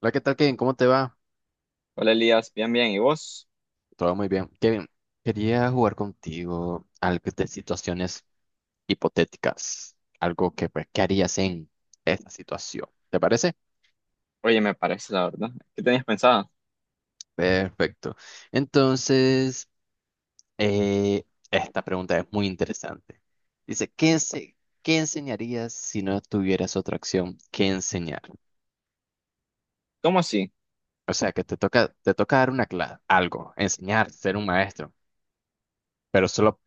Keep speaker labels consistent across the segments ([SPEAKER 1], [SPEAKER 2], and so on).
[SPEAKER 1] Hola, ¿qué tal, Kevin? ¿Cómo te va?
[SPEAKER 2] Hola Elías, bien, bien. ¿Y vos?
[SPEAKER 1] Todo muy bien. Kevin, quería jugar contigo algo de situaciones hipotéticas. Algo que, pues, ¿qué harías en esta situación? ¿Te parece?
[SPEAKER 2] Oye, me parece la verdad. ¿Qué tenías pensado?
[SPEAKER 1] Perfecto. Entonces, eh, esta pregunta es muy interesante. Dice, ¿qué enseñarías si no tuvieras otra acción que enseñar?
[SPEAKER 2] ¿Cómo así?
[SPEAKER 1] O sea, que te toca dar una clase, algo, enseñar, ser un maestro, pero solo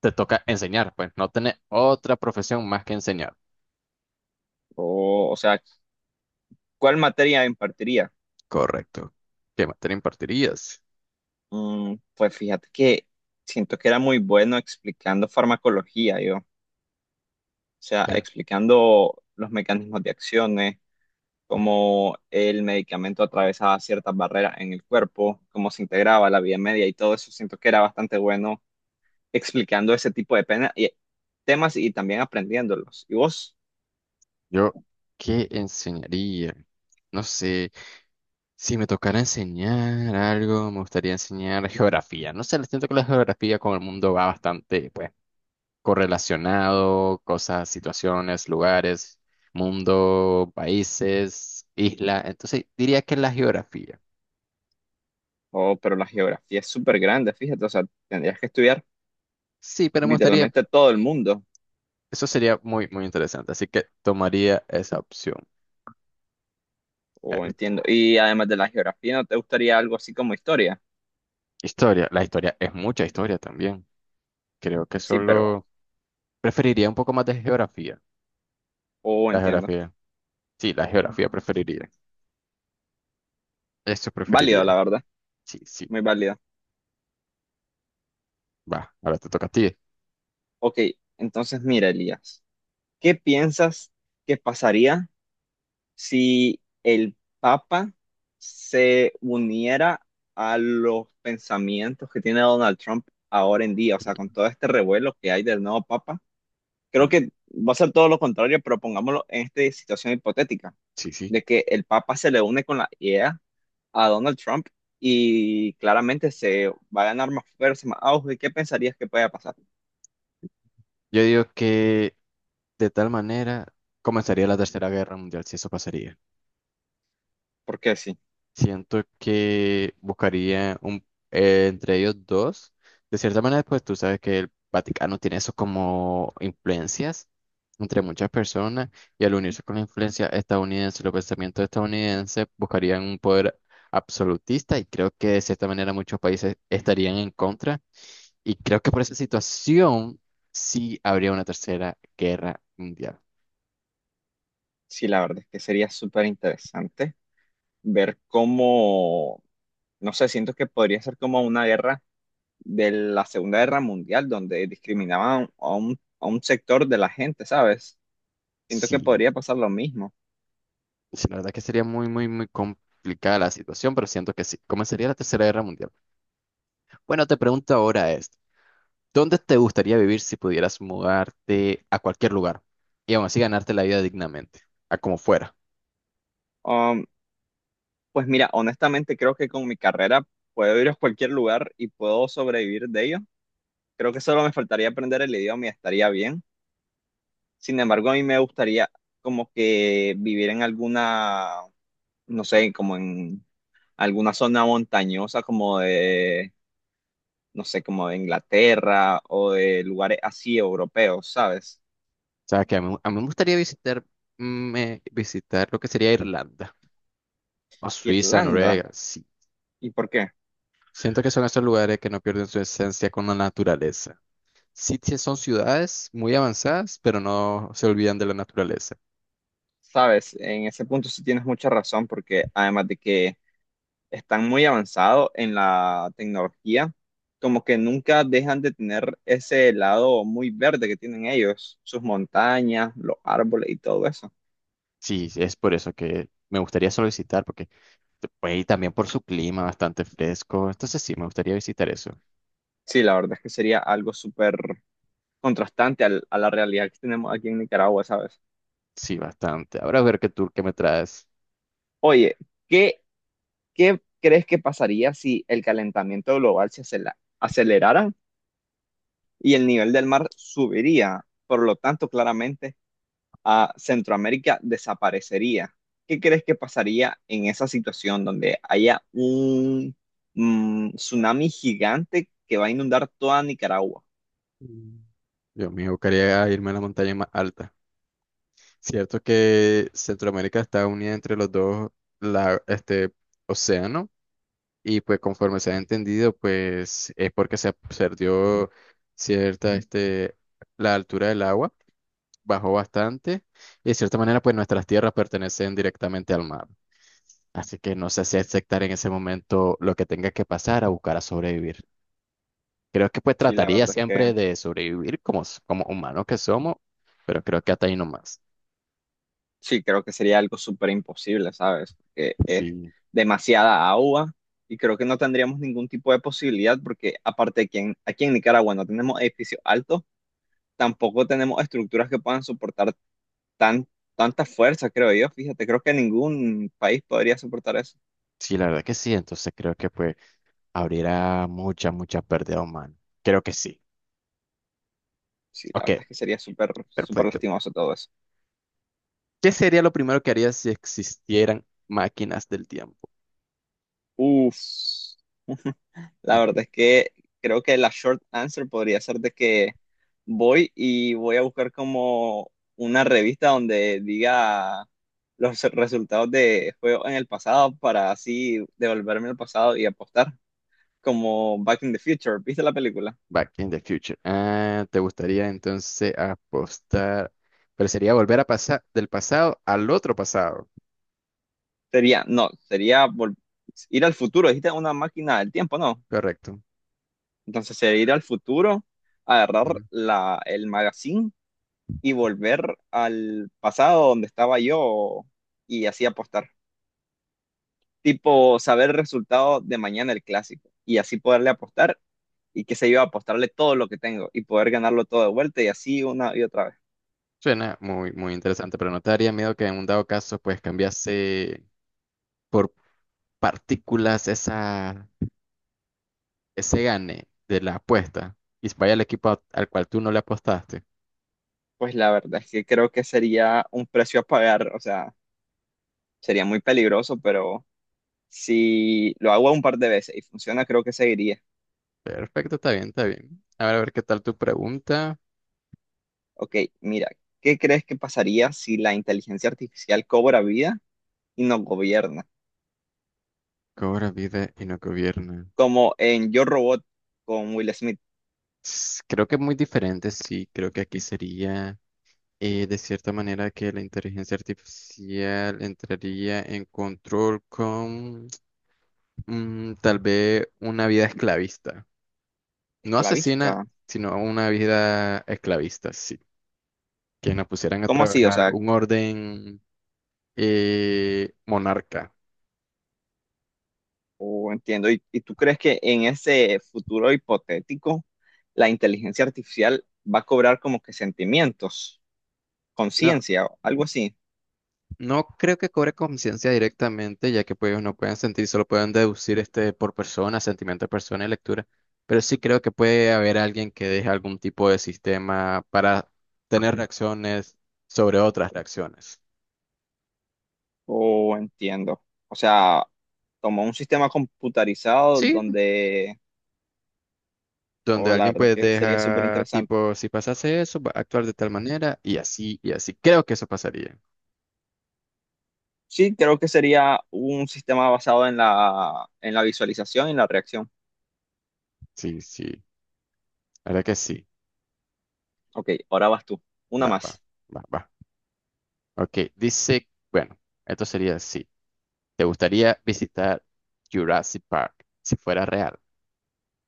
[SPEAKER 1] te toca enseñar, pues no tener otra profesión más que enseñar.
[SPEAKER 2] O sea, ¿cuál materia impartiría?
[SPEAKER 1] Correcto. ¿Qué materia impartirías?
[SPEAKER 2] Pues fíjate que siento que era muy bueno explicando farmacología, yo. O sea,
[SPEAKER 1] Claro.
[SPEAKER 2] explicando los mecanismos de acciones, cómo el medicamento atravesaba ciertas barreras en el cuerpo, cómo se integraba la vía media y todo eso. Siento que era bastante bueno explicando ese tipo de temas y también aprendiéndolos. ¿Y vos?
[SPEAKER 1] Yo, ¿qué enseñaría? No sé, si me tocara enseñar algo, me gustaría enseñar geografía. No sé, siento que la geografía con el mundo va bastante, pues, correlacionado, cosas, situaciones, lugares, mundo, países, isla. Entonces, diría que la geografía.
[SPEAKER 2] Oh, pero la geografía es súper grande, fíjate, o sea, tendrías que estudiar
[SPEAKER 1] Sí, pero me gustaría,
[SPEAKER 2] literalmente todo el mundo,
[SPEAKER 1] eso sería muy, muy interesante. Así que tomaría esa opción. Eh,
[SPEAKER 2] o entiendo. Y además de la geografía, ¿no te gustaría algo así como historia?
[SPEAKER 1] Historia, la historia es mucha historia también. Creo que
[SPEAKER 2] Sí, pero,
[SPEAKER 1] solo preferiría un poco más de geografía.
[SPEAKER 2] oh,
[SPEAKER 1] La
[SPEAKER 2] entiendo.
[SPEAKER 1] geografía. Sí, la geografía preferiría. Eso
[SPEAKER 2] Válido,
[SPEAKER 1] preferiría.
[SPEAKER 2] la verdad,
[SPEAKER 1] Sí, sí.
[SPEAKER 2] muy válido.
[SPEAKER 1] Va, ahora te toca a ti.
[SPEAKER 2] Ok, entonces mira, Elías, ¿qué piensas que pasaría si el Papa se uniera a los pensamientos que tiene Donald Trump ahora en día? O sea, con todo este revuelo que hay del nuevo Papa. Creo
[SPEAKER 1] Mm,
[SPEAKER 2] que va a ser todo lo contrario, pero pongámoslo en esta situación hipotética,
[SPEAKER 1] sí, sí.
[SPEAKER 2] de que el Papa se le une con la idea a Donald Trump y claramente se va a ganar más fuerza, más auge. ¿Qué pensarías que pueda pasar?
[SPEAKER 1] Yo digo que de tal manera comenzaría la Tercera Guerra Mundial, si eso pasaría.
[SPEAKER 2] Porque sí,
[SPEAKER 1] Siento que buscaría un, entre ellos dos. De cierta manera, pues tú sabes que el Vaticano tiene eso como influencias entre muchas personas y al unirse con la influencia estadounidense, los pensamientos estadounidenses buscarían un poder absolutista y creo que de cierta manera muchos países estarían en contra y creo que por esa situación sí habría una tercera guerra mundial.
[SPEAKER 2] sí, la verdad es que sería súper interesante ver cómo, no sé, siento que podría ser como una guerra de la Segunda Guerra Mundial, donde discriminaban a a un sector de la gente, ¿sabes? Siento que
[SPEAKER 1] Sí.
[SPEAKER 2] podría pasar lo mismo.
[SPEAKER 1] Sí, la verdad que sería muy, muy, muy complicada la situación, pero siento que sí. Comenzaría la Tercera Guerra Mundial. Bueno, te pregunto ahora es ¿dónde te gustaría vivir si pudieras mudarte a cualquier lugar y aún así ganarte la vida dignamente, a como fuera?
[SPEAKER 2] Um, Pues mira, honestamente creo que con mi carrera puedo ir a cualquier lugar y puedo sobrevivir de ello. Creo que solo me faltaría aprender el idioma y estaría bien. Sin embargo, a mí me gustaría como que vivir en alguna, no sé, como en alguna zona montañosa, como de, no sé, como de Inglaterra o de lugares así europeos, ¿sabes?
[SPEAKER 1] O sea, que a mí me gustaría visitar, visitar lo que sería Irlanda o Suiza,
[SPEAKER 2] Irlanda.
[SPEAKER 1] Noruega, sí.
[SPEAKER 2] ¿Y por qué?
[SPEAKER 1] Siento que son esos lugares que no pierden su esencia con la naturaleza. Sí, sí son ciudades muy avanzadas, pero no se olvidan de la naturaleza.
[SPEAKER 2] ¿Sabes? En ese punto sí tienes mucha razón, porque además de que están muy avanzados en la tecnología, como que nunca dejan de tener ese lado muy verde que tienen ellos, sus montañas, los árboles y todo eso.
[SPEAKER 1] Sí, es por eso que me gustaría solo visitar, porque pues, y también por su clima bastante fresco. Entonces sí, me gustaría visitar eso.
[SPEAKER 2] Sí, la verdad es que sería algo súper contrastante al- a la realidad que tenemos aquí en Nicaragua, ¿sabes?
[SPEAKER 1] Sí, bastante. Ahora a ver qué tour que me traes.
[SPEAKER 2] Oye, ¿qué, ¿qué crees que pasaría si el calentamiento global se acela- acelerara y el nivel del mar subiría? Por lo tanto, claramente a Centroamérica desaparecería. ¿Qué crees que pasaría en esa situación donde haya un tsunami gigante que va a inundar toda Nicaragua?
[SPEAKER 1] Mm. Yo me buscaría irme a la montaña más alta. Cierto que Centroamérica está unida entre los dos, la, este, océano, y pues conforme se ha entendido, pues es porque se perdió cierta, este, la altura del agua. Bajó bastante y de cierta manera pues nuestras tierras pertenecen directamente al mar. Así que no sé si aceptar en ese momento lo que tenga que pasar a buscar a sobrevivir. Creo que pues
[SPEAKER 2] Sí, la
[SPEAKER 1] trataría
[SPEAKER 2] verdad es que
[SPEAKER 1] siempre de sobrevivir como, como humanos que somos, pero creo que hasta ahí nomás.
[SPEAKER 2] sí, creo que sería algo súper imposible, ¿sabes? Porque es
[SPEAKER 1] Sí,
[SPEAKER 2] demasiada agua y creo que no tendríamos ningún tipo de posibilidad porque aparte de que en- aquí en Nicaragua no tenemos edificios altos, tampoco tenemos estructuras que puedan soportar tan, tanta fuerza, creo yo. Fíjate, creo que ningún país podría soportar eso.
[SPEAKER 1] sí, la verdad que sí. Entonces creo que pues abrirá mucha, mucha pérdida humana. Creo que sí.
[SPEAKER 2] Sí, la
[SPEAKER 1] Ok,
[SPEAKER 2] verdad es que sería súper, súper
[SPEAKER 1] perfecto.
[SPEAKER 2] lastimoso todo eso.
[SPEAKER 1] ¿Qué sería lo primero que harías si existieran máquinas del tiempo?
[SPEAKER 2] Uf, la verdad es que creo que la short answer podría ser de que voy a buscar como una revista donde diga los resultados de juegos en el pasado para así devolverme al pasado y apostar, como Back in the Future. ¿Viste la película?
[SPEAKER 1] Back in the Future. Ah, ¿te gustaría entonces apostar? Pero sería volver a pasar del pasado al otro pasado.
[SPEAKER 2] Sería, no, sería vol- ir al futuro. Dijiste una máquina del tiempo, ¿no?
[SPEAKER 1] Correcto.
[SPEAKER 2] Entonces sería ir al futuro, agarrar
[SPEAKER 1] Ujú.
[SPEAKER 2] el magazine y volver al pasado donde estaba yo y así apostar. Tipo, saber el resultado de mañana el clásico y así poderle apostar y qué sé yo, apostarle todo lo que tengo y poder ganarlo todo de vuelta y así una y otra vez.
[SPEAKER 1] Suena muy, muy interesante, pero ¿no te daría miedo que en un dado caso pues cambiase por partículas esa, ese gane de la apuesta y vaya al equipo al cual tú no le apostaste?
[SPEAKER 2] Pues la verdad es que creo que sería un precio a pagar, o sea, sería muy peligroso, pero si lo hago un par de veces y funciona, creo que seguiría.
[SPEAKER 1] Perfecto, está bien, está bien. A ver qué tal tu pregunta.
[SPEAKER 2] Ok, mira, ¿qué crees que pasaría si la inteligencia artificial cobra vida y nos gobierna?
[SPEAKER 1] Cobra vida y no gobierna.
[SPEAKER 2] Como en Yo Robot con Will Smith,
[SPEAKER 1] Creo que es muy diferente, sí, creo que aquí sería... de cierta manera que la inteligencia artificial entraría en control con mm, tal vez una vida esclavista. No asesina,
[SPEAKER 2] esclavista.
[SPEAKER 1] sino una vida esclavista, sí. Que nos pusieran a
[SPEAKER 2] ¿Cómo así? O
[SPEAKER 1] trabajar
[SPEAKER 2] sea,
[SPEAKER 1] un orden monarca.
[SPEAKER 2] oh, entiendo. ¿Y tú crees que en ese futuro hipotético la inteligencia artificial va a cobrar como que sentimientos,
[SPEAKER 1] No,
[SPEAKER 2] conciencia, o algo así?
[SPEAKER 1] No creo que cobre conciencia directamente, ya que pues ellos no pueden sentir, solo pueden deducir este por persona, sentimiento de persona y lectura. Pero sí creo que puede haber alguien que deje algún tipo de sistema para tener reacciones sobre otras reacciones.
[SPEAKER 2] O entiendo. O sea, como un sistema computarizado
[SPEAKER 1] Sí,
[SPEAKER 2] donde,
[SPEAKER 1] donde
[SPEAKER 2] o la
[SPEAKER 1] alguien
[SPEAKER 2] verdad es
[SPEAKER 1] pues
[SPEAKER 2] que sería súper
[SPEAKER 1] deja
[SPEAKER 2] interesante.
[SPEAKER 1] tipo, si pasase eso, va a actuar de tal manera y así y así. Creo que eso pasaría.
[SPEAKER 2] Sí, creo que sería un sistema basado en en la visualización y en la reacción.
[SPEAKER 1] Sí, sí, la verdad que sí.
[SPEAKER 2] Ok, ahora vas tú. Una
[SPEAKER 1] Va, va,
[SPEAKER 2] más.
[SPEAKER 1] va. Ok, dice, bueno, esto sería así. ¿Te gustaría visitar Jurassic Park si fuera real?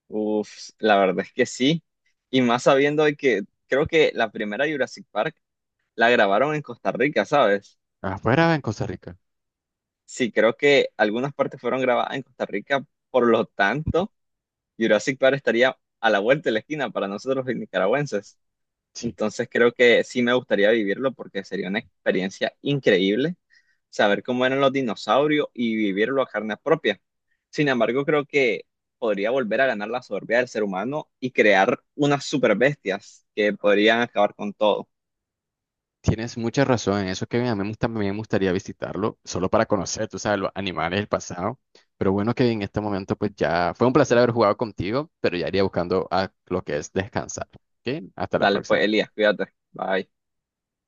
[SPEAKER 2] Uf, la verdad es que sí. Y más sabiendo de que creo que la primera Jurassic Park la grabaron en Costa Rica, ¿sabes?
[SPEAKER 1] Afuera en Costa Rica.
[SPEAKER 2] Sí, creo que algunas partes fueron grabadas en Costa Rica, por lo tanto, Jurassic Park estaría a la vuelta de la esquina para nosotros los nicaragüenses.
[SPEAKER 1] Sí.
[SPEAKER 2] Entonces creo que sí me gustaría vivirlo porque sería una experiencia increíble. Saber cómo eran los dinosaurios y vivirlo a carne propia. Sin embargo, creo que podría volver a ganar la soberbia del ser humano y crear unas super bestias que podrían acabar con todo.
[SPEAKER 1] Tienes mucha razón en eso que a mí también me gustaría visitarlo, solo para conocer, tú sabes, los animales del pasado. Pero bueno que en este momento pues ya fue un placer haber jugado contigo, pero ya iría buscando a lo que es descansar. ¿Ok? Hasta la
[SPEAKER 2] Dale,
[SPEAKER 1] próxima.
[SPEAKER 2] pues, Elías, cuídate. Bye.